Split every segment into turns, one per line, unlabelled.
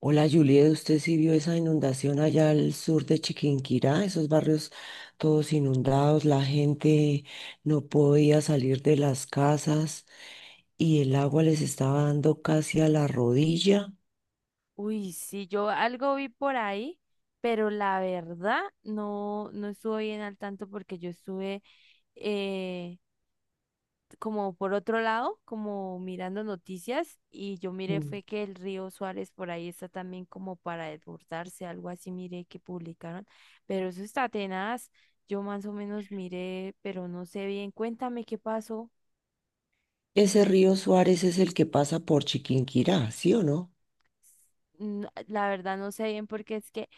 Hola Juliet, ¿usted sí vio esa inundación allá al sur de Chiquinquirá? Esos barrios todos inundados, la gente no podía salir de las casas y el agua les estaba dando casi a la rodilla.
Uy, sí, yo algo vi por ahí, pero la verdad no, no estuve bien al tanto porque yo estuve eh, como por otro lado, como mirando noticias, y yo miré
Mm.
fue que el río Suárez por ahí está también como para desbordarse, algo así miré que publicaron, pero eso está tenaz. Yo más o menos miré, pero no sé bien, cuéntame qué pasó.
Ese río Suárez es el que pasa por Chiquinquirá, ¿sí o no?
La verdad no sé bien porque es que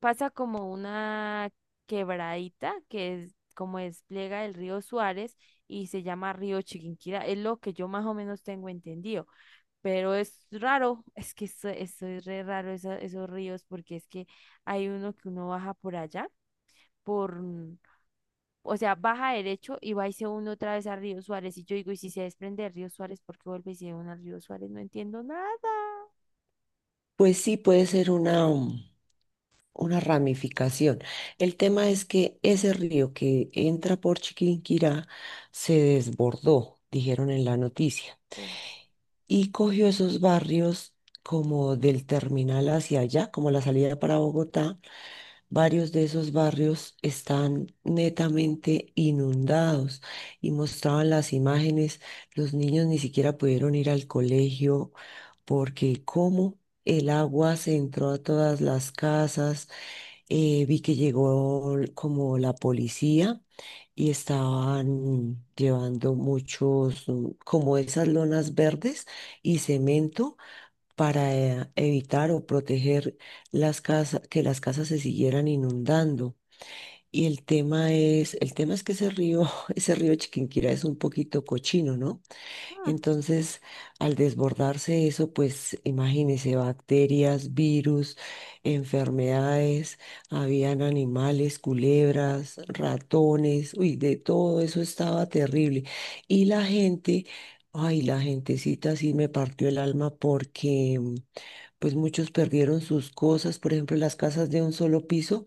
pasa como una quebradita que es como despliega el río Suárez y se llama río Chiquinquirá. Es lo que yo más o menos tengo entendido, pero es raro, es que eso es re raro, esos ríos, porque es que hay uno que uno baja por allá, por... mm, o sea, baja derecho y va y se une otra vez a río Suárez. Y yo digo, y si se desprende de río Suárez, ¿por qué vuelve y se une al río Suárez? No entiendo nada.
Pues sí, puede ser una, una ramificación. El tema es que ese río que entra por Chiquinquirá se desbordó, dijeron en la noticia,
Uy.
y cogió esos barrios como del terminal hacia allá, como la salida para Bogotá. Varios de esos barrios están netamente inundados y mostraban las imágenes. Los niños ni siquiera pudieron ir al colegio porque como el agua se entró a todas las casas, vi que llegó como la policía y estaban llevando muchos, como esas lonas verdes y cemento para evitar o proteger las casas, que las casas se siguieran inundando. Y el tema es que ese río, ese río Chiquinquirá es un poquito cochino, ¿no? Entonces, al desbordarse eso, pues imagínense bacterias, virus, enfermedades, habían animales, culebras, ratones, uy, de todo eso estaba terrible. Y la gente, ay, la gentecita sí me partió el alma porque pues muchos perdieron sus cosas, por ejemplo, las casas de un solo piso,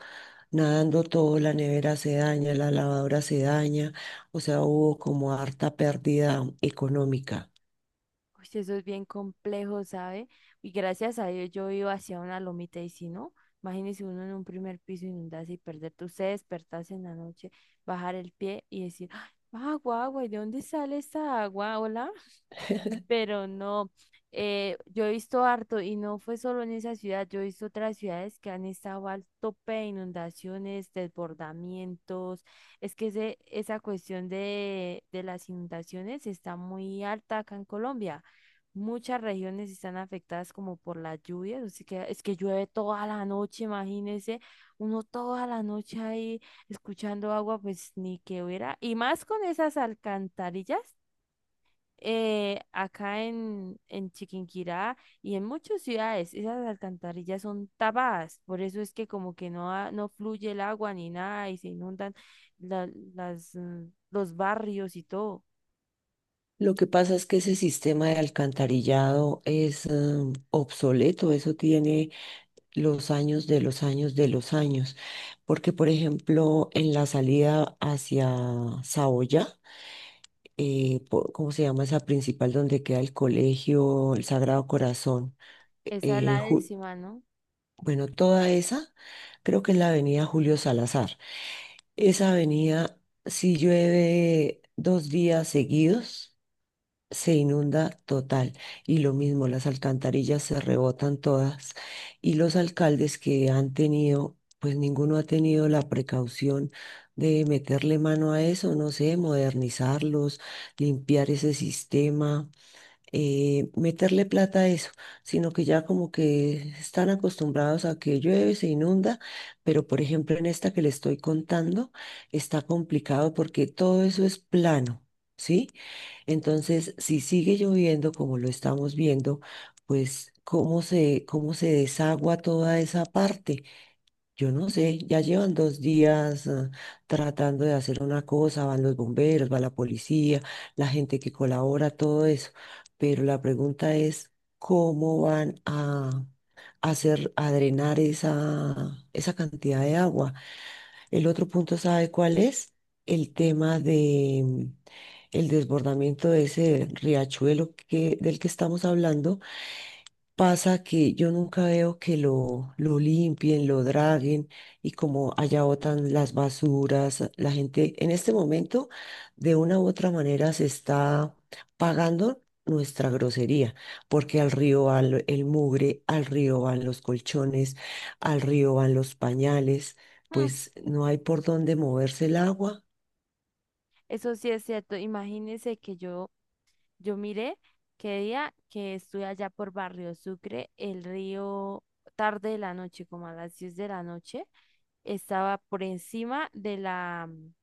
nadando todo, la nevera se daña, la lavadora se daña, o sea, hubo como harta pérdida económica.
Uy, sí, eso es bien complejo, ¿sabe? Y gracias a Dios yo iba hacia una lomita, y si no, imagínese uno en un primer piso inundarse y perderte, usted despertarse en la noche, bajar el pie y decir: "Ay, agua, agua, ¿y de dónde sale esta agua? Hola." Pero no, yo he visto harto y no fue solo en esa ciudad, yo he visto otras ciudades que han estado al tope de inundaciones, desbordamientos. Es que esa cuestión de, las inundaciones está muy alta acá en Colombia. Muchas regiones están afectadas como por las lluvias, así que es que llueve toda la noche, imagínense, uno toda la noche ahí escuchando agua, pues ni que hubiera, y más con esas alcantarillas, acá en Chiquinquirá y en muchas ciudades, esas alcantarillas son tapadas, por eso es que como que no, no fluye el agua ni nada y se inundan la- las, mm, los barrios y todo.
Lo que pasa es que ese sistema de alcantarillado es obsoleto. Eso tiene los años, porque por ejemplo en la salida hacia Saoya, ¿cómo se llama esa principal donde queda el colegio, el Sagrado Corazón? E,
Esa es
Eh,
la
Ju-
décima, ¿no?
bueno, toda esa, creo que es la avenida Julio Salazar. Esa avenida, si llueve dos días seguidos, se inunda total, y lo mismo, las alcantarillas se rebotan todas, y los alcaldes que han tenido, pues ninguno ha tenido la precaución de meterle mano a eso, no sé, modernizarlos, limpiar ese sistema, meterle plata a eso, sino que ya como que están acostumbrados a que llueve, se inunda. Pero por ejemplo en esta que le estoy contando está complicado porque todo eso es plano, ¿sí? Entonces, si sigue lloviendo como lo estamos viendo, pues cómo se desagua toda esa parte. Yo no sé, ya llevan dos días tratando de hacer una cosa, van los bomberos, va la policía, la gente que colabora, todo eso. Pero la pregunta es, ¿cómo van a hacer, a drenar esa cantidad de agua? El otro punto, ¿sabe cuál es? El tema de el desbordamiento de ese riachuelo del que estamos hablando. Pasa que yo nunca veo que lo limpien, lo draguen, y como allá botan las basuras, la gente en este momento de una u otra manera se está pagando nuestra grosería, porque al río va el mugre, al río van los colchones, al río van los pañales,
Mm,
pues no hay por dónde moverse el agua.
Eso sí es cierto. Imagínense que yo miré que día que estuve allá por Barrio Sucre, el río tarde de la noche, como a las 10 de la noche, estaba por encima de la, mm,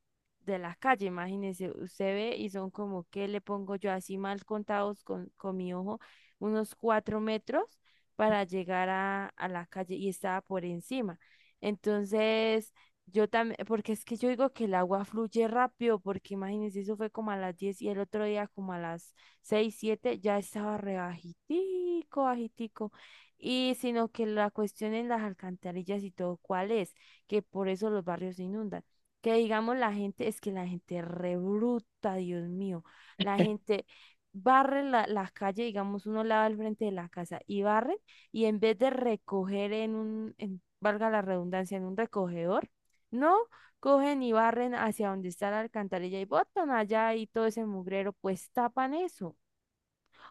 de la calle. Imagínense, usted ve y son como, ¿qué le pongo yo así mal contados con mi ojo? Unos 4 metros para llegar a la calle, y estaba por encima. Entonces, yo también, porque es que yo digo que el agua fluye rápido, porque imagínense, eso fue como a las 10, y el otro día como a las 6 7 ya estaba re bajitico, bajitico. Y sino que la cuestión en las alcantarillas y todo, ¿cuál es? Que por eso los barrios se inundan. Que digamos la gente, es que la gente rebruta, Dios mío, la gente barre la calle, digamos, uno lava al frente de la casa y barre, y en vez de recoger en un, valga la redundancia, en un recogedor, no, cogen y barren hacia donde está la alcantarilla y botan allá, y todo ese mugrero, pues tapan eso.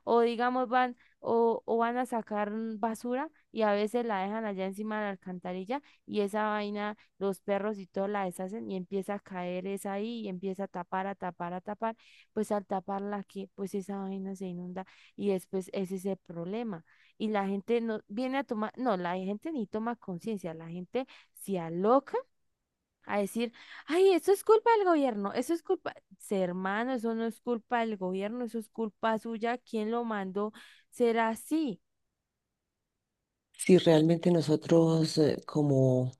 O digamos van o van a sacar basura, y a veces la dejan allá encima de la alcantarilla, y esa vaina, los perros y todo la deshacen y empieza a caer esa ahí y empieza a tapar, a tapar, a tapar. Pues al taparla, que pues esa vaina se inunda, y después ese es el problema. Y la gente no viene a tomar, no, la gente ni toma conciencia, la gente se aloca a decir: "Ay, eso es culpa del gobierno, eso es culpa." "Sí, hermano, eso no es culpa del gobierno, eso es culpa suya, ¿quién lo mandó?" Será así.
Si realmente nosotros como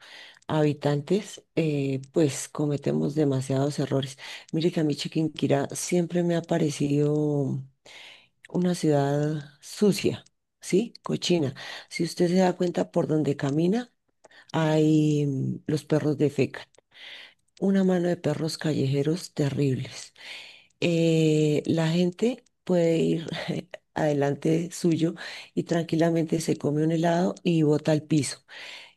habitantes, pues cometemos demasiados errores. Mire que a mí Chiquinquirá siempre me ha parecido una ciudad sucia, ¿sí? Cochina.
Mm.
Si usted se da cuenta por donde camina, hay los perros defecan. Una mano de perros callejeros terribles. La gente puede ir adelante suyo y tranquilamente se come un helado y bota al piso.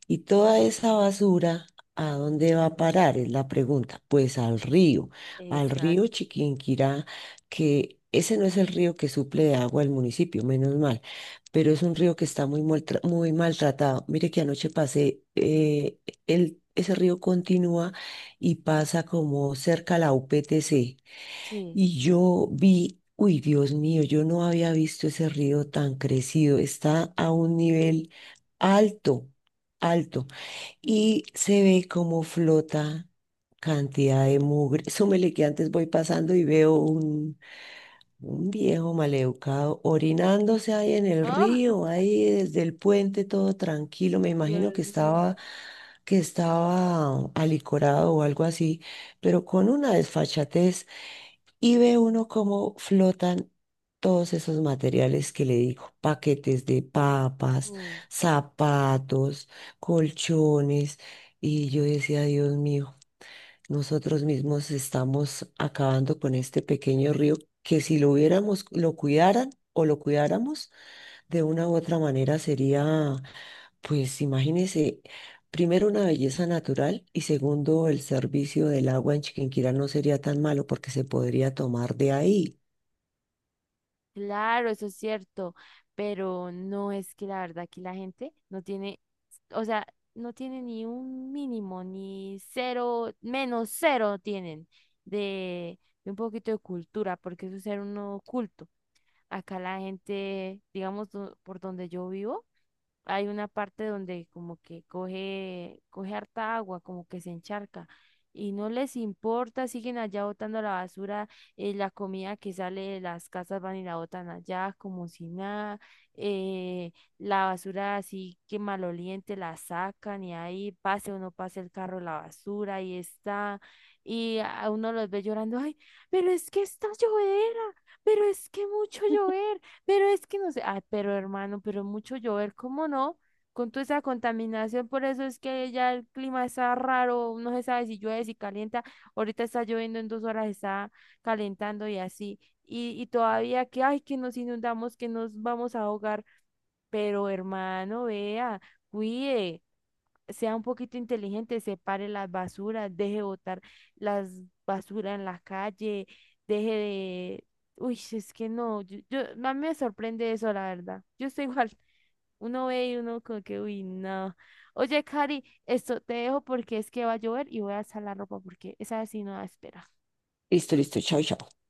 Y toda esa basura, ¿a dónde va a parar? Es la pregunta. Pues al río
Exacto.
Chiquinquirá, que ese no es el río que suple de agua al municipio, menos mal, pero es un río que está muy, muy maltratado. Mire que anoche pasé, ese río continúa y pasa como cerca a la UPTC.
Sí.
Y yo vi, uy, Dios mío, yo no había visto ese río tan crecido. Está a un nivel alto, alto, y se ve como flota cantidad de mugre. Súmele que antes voy pasando y veo un viejo maleducado orinándose ahí en el
Ah,
río, ahí desde el puente, todo tranquilo. Me imagino
Dios mío.
que estaba alicorado o algo así, pero con una desfachatez. Y ve uno cómo flotan todos esos materiales que le digo, paquetes de papas,
Mm.
zapatos, colchones. Y yo decía, Dios mío. Nosotros mismos estamos acabando con este pequeño río, que si lo hubiéramos, lo cuidaran o lo cuidáramos de una u otra manera sería, pues imagínese, primero una belleza natural y segundo el servicio del agua en Chiquinquirá no sería tan malo porque se podría tomar de ahí.
Claro, eso es cierto, pero no es que la verdad aquí la gente no tiene, o sea, no tiene ni un mínimo, ni cero, menos cero tienen de un poquito de cultura, porque eso es ser uno culto. Acá la gente, digamos, por donde yo vivo, hay una parte donde como que coge, coge harta agua, como que se encharca. Y no les importa, siguen allá botando la basura, la comida que sale de las casas van y la botan allá como si nada, la basura así que maloliente la sacan y ahí pase o no pase el carro la basura, ahí está. Y a uno los ve llorando: "Ay, pero es que está llovedera, pero es que mucho llover, pero es que no sé." Ah, pero hermano, pero mucho llover, ¿cómo no? Con toda esa contaminación, por eso es que ya el clima está raro, no se sabe si llueve, si calienta, ahorita está lloviendo, en 2 horas está calentando y así. Y todavía que ay, que nos inundamos, que nos vamos a ahogar, pero hermano, vea, cuide, sea un poquito inteligente, separe las basuras, deje botar las basuras en la calle, deje de... Uy, es que no, yo, a mí me sorprende eso, la verdad. Yo estoy igual, uno ve y uno como que, uy, no. Oye, Cari, esto te dejo porque es que va a llover y voy a alzar la ropa porque esa sí no da espera.
Listo, listo, chao, chao.